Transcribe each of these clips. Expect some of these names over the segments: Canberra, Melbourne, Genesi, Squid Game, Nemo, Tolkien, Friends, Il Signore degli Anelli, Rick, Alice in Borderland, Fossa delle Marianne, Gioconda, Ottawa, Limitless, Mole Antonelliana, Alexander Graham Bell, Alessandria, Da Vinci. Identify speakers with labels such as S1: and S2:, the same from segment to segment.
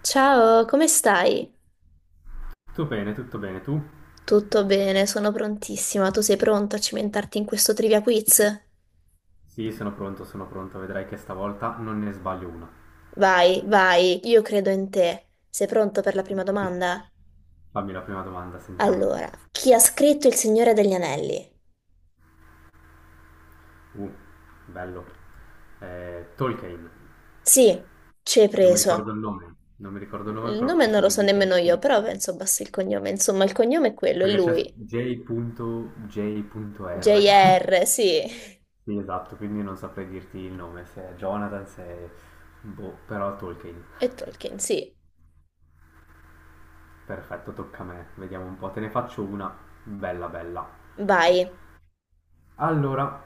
S1: Ciao, come stai?
S2: Tutto bene, tutto bene. Tu?
S1: Tutto bene, sono prontissima. Tu sei pronto a cimentarti in questo trivia quiz?
S2: Sì, sono pronto, sono pronto. Vedrai che stavolta non ne sbaglio una.
S1: Vai, vai, io credo in te. Sei pronto per la prima
S2: Vai.
S1: domanda?
S2: Fammi la prima domanda, sentiamo.
S1: Allora, chi ha scritto Il Signore degli Anelli?
S2: Uh, Bello. Tolkien.
S1: Sì, ci hai
S2: Non mi ricordo
S1: preso.
S2: il nome. Non mi ricordo il nome,
S1: Il
S2: però
S1: nome non
S2: posso
S1: lo so
S2: dirti solo
S1: nemmeno io, però
S2: Tolkien.
S1: penso basti il cognome. Insomma, il cognome è quello, è
S2: Perché c'è
S1: lui.
S2: J.J.R.
S1: J.R., sì.
S2: Sì, esatto, quindi non saprei dirti il nome, se è Jonathan, se è... Boh, però Tolkien.
S1: E Tolkien, sì.
S2: Perfetto, tocca a me. Vediamo un po', te ne faccio una bella bella.
S1: Vai.
S2: Allora,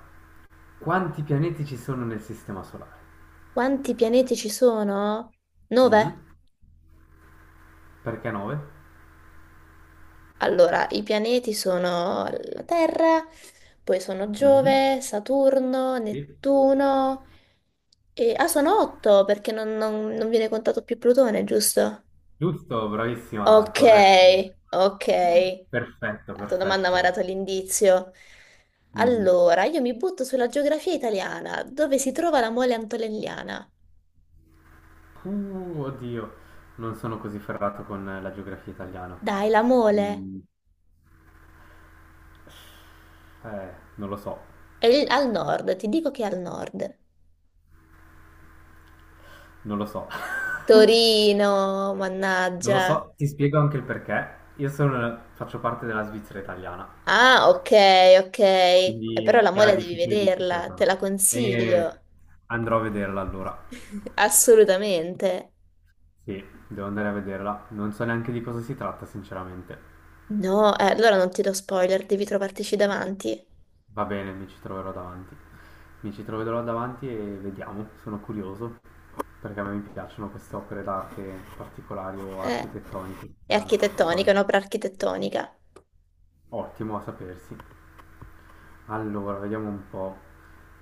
S2: quanti pianeti ci sono nel Sistema Solare?
S1: Quanti pianeti ci sono? Nove?
S2: Mhm. Perché 9?
S1: Allora, i pianeti sono la Terra, poi sono Giove, Saturno,
S2: Sì.
S1: Nettuno e... Ah, sono otto perché non viene contato più Plutone, giusto?
S2: Giusto, bravissima,
S1: Ok,
S2: corretto.
S1: ok.
S2: Perfetto,
S1: La tua domanda mi ha
S2: perfetto.
S1: dato l'indizio.
S2: Mhm.
S1: Allora, io mi butto sulla geografia italiana. Dove si trova la Mole Antonelliana?
S2: Oddio, non sono così ferrato con la geografia italiana.
S1: Dai, la Mole.
S2: Mm, non lo so,
S1: Al nord, ti dico che è al nord.
S2: non lo so.
S1: Torino,
S2: Non lo
S1: mannaggia.
S2: so, ti spiego anche il perché. Io sono, faccio parte della Svizzera italiana.
S1: Ah, ok, ok. E
S2: Quindi
S1: però la
S2: era
S1: mole devi
S2: difficile, difficile
S1: vederla,
S2: per
S1: te
S2: me.
S1: la
S2: E
S1: consiglio.
S2: andrò a vederla allora.
S1: Assolutamente.
S2: Sì, devo andare a vederla. Non so neanche di cosa si tratta, sinceramente.
S1: No, allora non ti do spoiler, devi trovartici davanti.
S2: Va bene, mi ci troverò davanti. Mi ci troverò davanti e vediamo. Sono curioso perché a me mi piacciono queste opere d'arte particolari o
S1: Eh,
S2: architettoniche,
S1: è
S2: strane,
S1: architettonica, è
S2: architettoniche.
S1: un'opera architettonica.
S2: Ottimo a sapersi. Allora, vediamo un po'.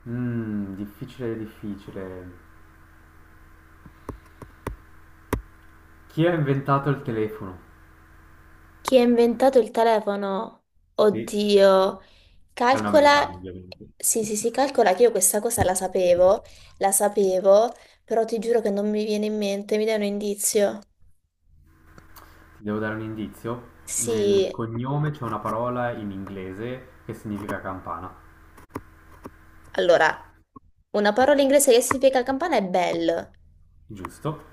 S2: Difficile, difficile. Chi ha inventato il telefono?
S1: Chi ha inventato il telefono?
S2: Sì,
S1: Oddio.
S2: è un americano,
S1: Calcola...
S2: ovviamente.
S1: Sì, sì, sì, calcola che io questa cosa la sapevo, però ti giuro che non mi viene in mente, mi dai un indizio?
S2: Devo dare un indizio. Nel
S1: Sì,
S2: cognome c'è una parola in inglese che significa campana,
S1: allora, una parola inglese che significa campana è bell.
S2: giusto?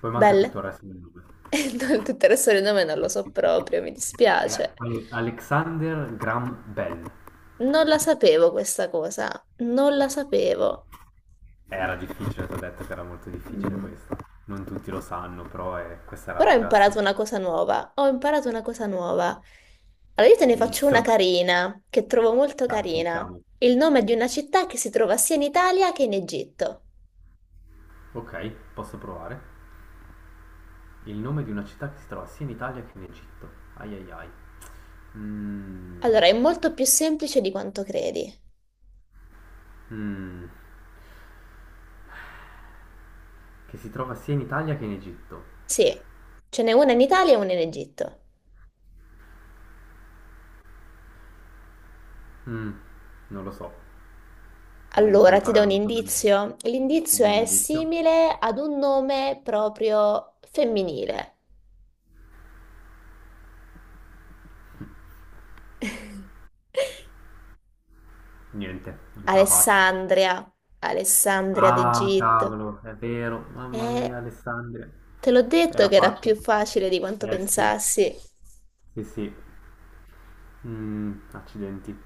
S2: Poi manca tutto
S1: Bell?
S2: il resto del nome.
S1: No, tutto il resto del nome non lo so proprio, mi
S2: È
S1: dispiace.
S2: Alexander Graham Bell.
S1: Non la sapevo questa cosa, non la sapevo.
S2: Era difficile, ti ho detto che era molto difficile
S1: Mm.
S2: questa. Non tutti lo sanno, però è- questa era
S1: Però ho
S2: abbastanza...
S1: imparato una cosa nuova, ho imparato una cosa nuova. Allora io te ne
S2: Hai
S1: faccio
S2: visto?
S1: una carina, che trovo molto
S2: Dai,
S1: carina.
S2: sentiamo.
S1: Il nome di una città che si trova sia in Italia che in Egitto.
S2: Ok, posso provare. Il nome di una città che si trova sia in Italia che in Egitto. Ai ai ai. Mm,
S1: Allora, è molto più semplice di quanto credi.
S2: mm, che si trova sia in Italia che in Egitto.
S1: Sì, ce n'è una in Italia e una in Egitto.
S2: Mm, non lo so, mi fa
S1: Allora, ti do
S2: imparare
S1: un
S2: una cosa nuova.
S1: indizio. L'indizio
S2: Dammi un
S1: è
S2: indizio.
S1: simile ad un nome proprio femminile.
S2: Niente, non ce la faccio.
S1: Alessandria, Alessandria
S2: Ah,
S1: d'Egitto.
S2: cavolo, è vero. Mamma mia,
S1: Eh,
S2: Alessandria.
S1: te l'ho detto
S2: Era
S1: che era più
S2: facile.
S1: facile di quanto
S2: Eh sì,
S1: pensassi.
S2: sì, sì. Accidenti.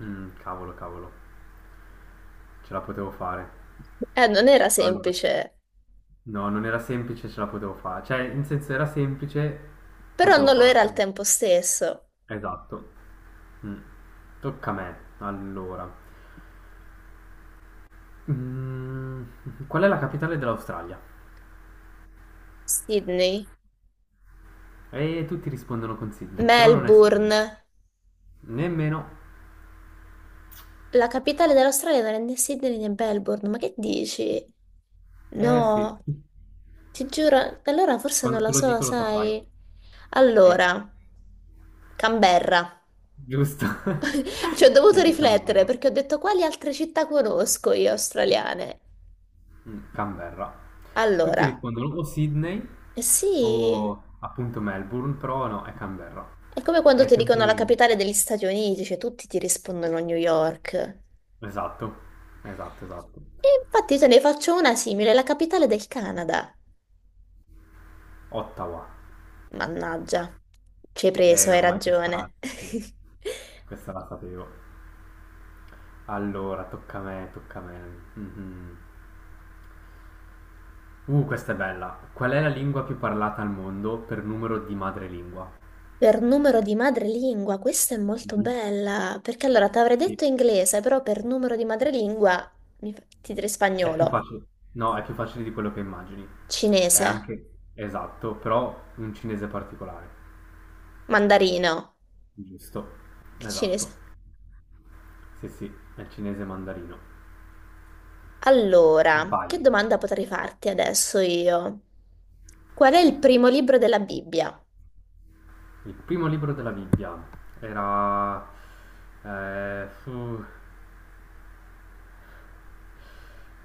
S2: Cavolo, cavolo. Ce la potevo fare.
S1: Non era
S2: Allora,
S1: semplice,
S2: no, non era semplice, ce la potevo fare. Cioè, in senso era semplice,
S1: però
S2: potevo
S1: non lo era al
S2: farcela.
S1: tempo stesso.
S2: Esatto. Mm. Tocca a me. Allora. Qual è la capitale dell'Australia?
S1: Sydney,
S2: E tutti rispondono con Sydney, però non è Sydney.
S1: Melbourne.
S2: Nemmeno.
S1: La capitale dell'Australia non è né Sydney né Melbourne, ma che dici?
S2: Eh sì,
S1: No. Ti giuro, allora forse non
S2: quando
S1: la
S2: te lo
S1: so,
S2: dico lo saprai.
S1: sai.
S2: Eh,
S1: Allora, Canberra.
S2: giusto.
S1: Ci ho
S2: Sì,
S1: dovuto
S2: è
S1: riflettere
S2: Canberra.
S1: perché ho detto quali altre città conosco io australiane.
S2: Mm, Canberra. Tutti
S1: Allora,
S2: rispondono o Sydney
S1: eh sì,
S2: o appunto Melbourne, però no, è Canberra.
S1: è come quando
S2: È
S1: ti dicono
S2: sempre...
S1: la capitale degli Stati Uniti, cioè tutti ti rispondono New York. E
S2: Esatto, esatto, esatto.
S1: infatti te ne faccio una simile, la capitale del Canada.
S2: Ottawa.
S1: Mannaggia, ci hai preso, hai
S2: Ormai questa...
S1: ragione.
S2: Sì, sì, questa la sapevo. Allora, tocca a me, tocca a me. Mhm. Questa è bella. Qual è la lingua più parlata al mondo per numero di madrelingua?
S1: Per numero di madrelingua, questa è molto
S2: Mhm.
S1: bella, perché allora ti avrei
S2: Sì.
S1: detto inglese, però per numero di madrelingua ti direi
S2: È più
S1: spagnolo,
S2: facile. No, è più facile di quello che immagini. È
S1: cinese,
S2: anche esatto, però un cinese particolare.
S1: mandarino,
S2: Giusto.
S1: il
S2: Esatto.
S1: cinese.
S2: Sì, sì, è il cinese mandarino.
S1: Allora, che
S2: Vai.
S1: domanda potrei farti adesso io? Qual è il primo libro della Bibbia?
S2: Il primo libro della Bibbia era eh, fu-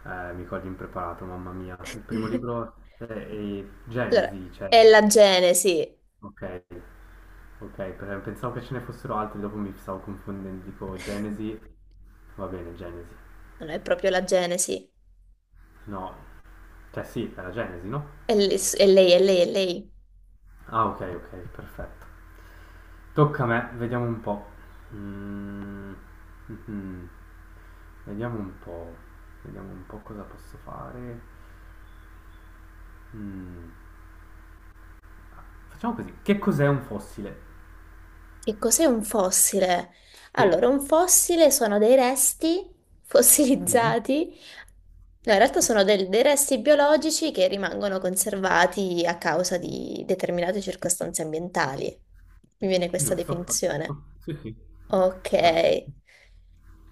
S2: Mi cogli impreparato, mamma mia. Il primo libro è
S1: Allora,
S2: Genesi, cioè,
S1: è la Genesi.
S2: ok, ok, pensavo che ce ne fossero altri, dopo mi stavo confondendo, dico Genesi, va bene, Genesi.
S1: Non è proprio la Genesi.
S2: No, cioè sì, era Genesi, no?
S1: È lei, e lei, è lei, è lei.
S2: Ah, ok, ok, perfetto. Tocca a me, vediamo un po'. Mm, mhm. Vediamo un po', vediamo un po' cosa posso fare. Mm, Facciamo così, che cos'è un fossile?
S1: Che cos'è un fossile?
S2: Sì.
S1: Allora, un fossile sono dei resti
S2: Mhm.
S1: fossilizzati, no, in realtà sono dei resti biologici che rimangono conservati a causa di determinate circostanze ambientali. Mi viene questa
S2: Giusto,
S1: definizione.
S2: perfetto. Sì, sì, perfetto.
S1: Ok,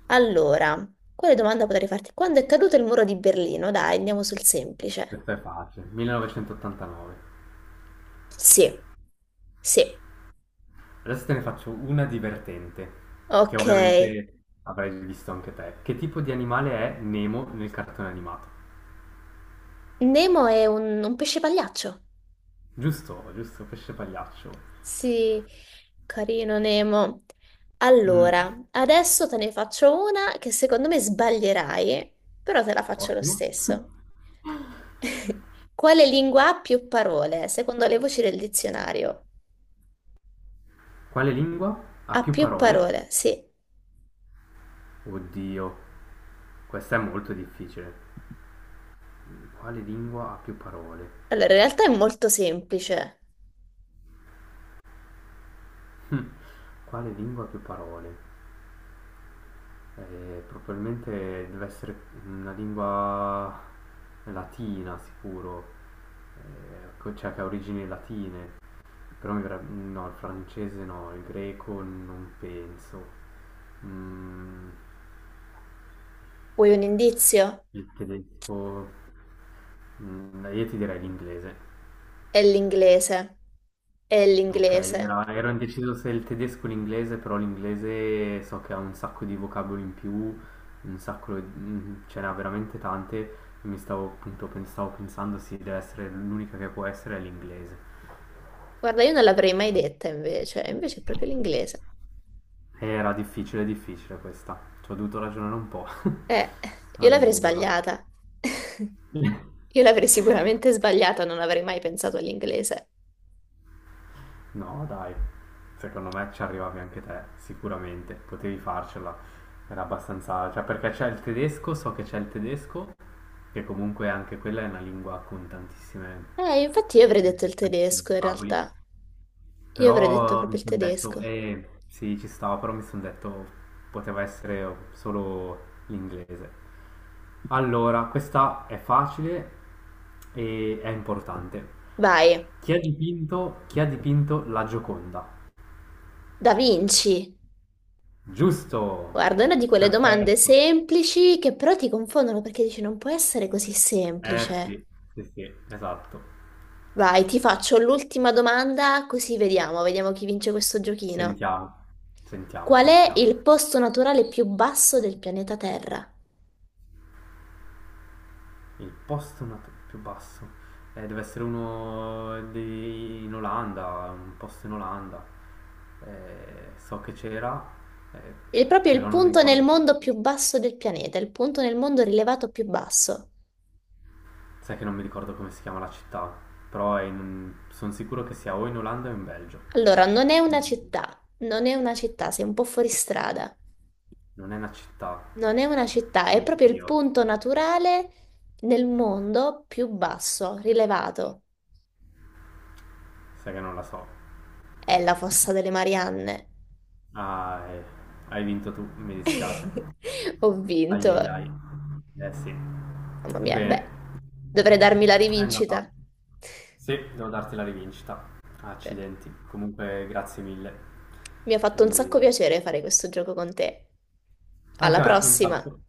S1: allora, quale domanda potrei farti? Quando è caduto il muro di Berlino? Dai, andiamo sul semplice.
S2: Questa è facile. 1989.
S1: Sì, sì,
S2: Adesso te ne faccio una divertente, che
S1: ok.
S2: ovviamente avrai visto anche te. Che tipo di animale è Nemo nel cartone animato?
S1: Nemo è un pesce pagliaccio.
S2: Giusto, giusto, pesce pagliaccio.
S1: Sì, carino Nemo.
S2: Mm,
S1: Allora, adesso te ne faccio una che secondo me sbaglierai, però te la faccio lo
S2: ottimo.
S1: stesso. Quale lingua ha più parole, secondo le voci del dizionario?
S2: Quale lingua ha
S1: Ha
S2: più
S1: più
S2: parole?
S1: parole, sì.
S2: Oddio, questa è molto difficile. Quale lingua ha più parole?
S1: Allora, in realtà è molto semplice.
S2: Quale lingua ha più parole? Probabilmente deve essere una lingua latina sicuro, co cioè che ha origini latine, però mi verreb no, il francese no, il greco non penso, mhmm,
S1: Vuoi un indizio?
S2: il tedesco, mhmm, io ti direi l'inglese.
S1: È l'inglese. È
S2: Ok,
S1: l'inglese.
S2: ero indeciso se il tedesco o l'inglese, però l'inglese so che ha un sacco di vocaboli in più, un sacco, ce n'ha veramente tante, mi stavo appunto stavo pensando sì, deve essere l'unica che può essere è l'inglese.
S1: Guarda, io non l'avrei mai detta invece, invece è proprio l'inglese.
S2: Era difficile, difficile questa, ci ho dovuto ragionare un po'.
S1: Eh, io l'avrei
S2: Allora,
S1: sbagliata. Io l'avrei sicuramente sbagliata, non avrei mai pensato all'inglese.
S2: no dai, secondo me ci arrivavi anche te, sicuramente, potevi farcela, era abbastanza, cioè perché c'è il tedesco, so che c'è il tedesco, che comunque anche quella è una lingua con tantissime,
S1: Infatti io avrei detto il
S2: tantissimi
S1: tedesco in
S2: vocaboli.
S1: realtà. Io avrei detto
S2: Però
S1: proprio
S2: mi
S1: il
S2: sono detto,
S1: tedesco.
S2: eh sì, ci stava, però mi sono detto poteva essere solo l'inglese. Allora, questa è facile e è importante.
S1: Vai,
S2: Chi ha dipinto la Gioconda?
S1: Da Vinci.
S2: Giusto,
S1: Guarda, è una di quelle domande
S2: perfetto.
S1: semplici che però ti confondono perché dici non può essere così
S2: Eh
S1: semplice.
S2: sì, sì, sì, esatto.
S1: Vai, ti faccio l'ultima domanda così vediamo, vediamo chi vince questo giochino.
S2: Sentiamo, sentiamo,
S1: Qual è
S2: sentiamo.
S1: il posto naturale più basso del pianeta Terra?
S2: Il più basso deve essere in Olanda, un posto in Olanda. So che c'era, eh,
S1: È proprio il
S2: però non mi
S1: punto nel
S2: ricordo come
S1: mondo più
S2: fosse.
S1: basso del pianeta, il punto nel mondo rilevato più basso.
S2: Sai che non mi ricordo come si chiama la città, però sono sicuro che sia o in Olanda o in Belgio.
S1: Allora, non è una
S2: Mm.
S1: città, non è una città, sei un po' fuori strada.
S2: Non è una città.
S1: Non è una città, è proprio il
S2: Oddio,
S1: punto naturale nel mondo più basso, rilevato.
S2: sai che non la so.
S1: È la Fossa delle Marianne.
S2: Ah, hai vinto tu, mi dispiace.
S1: Ho
S2: Ai
S1: vinto.
S2: ai ai. Eh sì.
S1: Mamma mia,
S2: Bene.
S1: beh, dovrei darmi la
S2: È andata.
S1: rivincita.
S2: Sì, devo darti la rivincita.
S1: Beh,
S2: Accidenti. Comunque, grazie mille.
S1: mi ha fatto un sacco
S2: E
S1: piacere fare questo gioco con te. Alla
S2: anche a me, un
S1: prossima!
S2: sacco.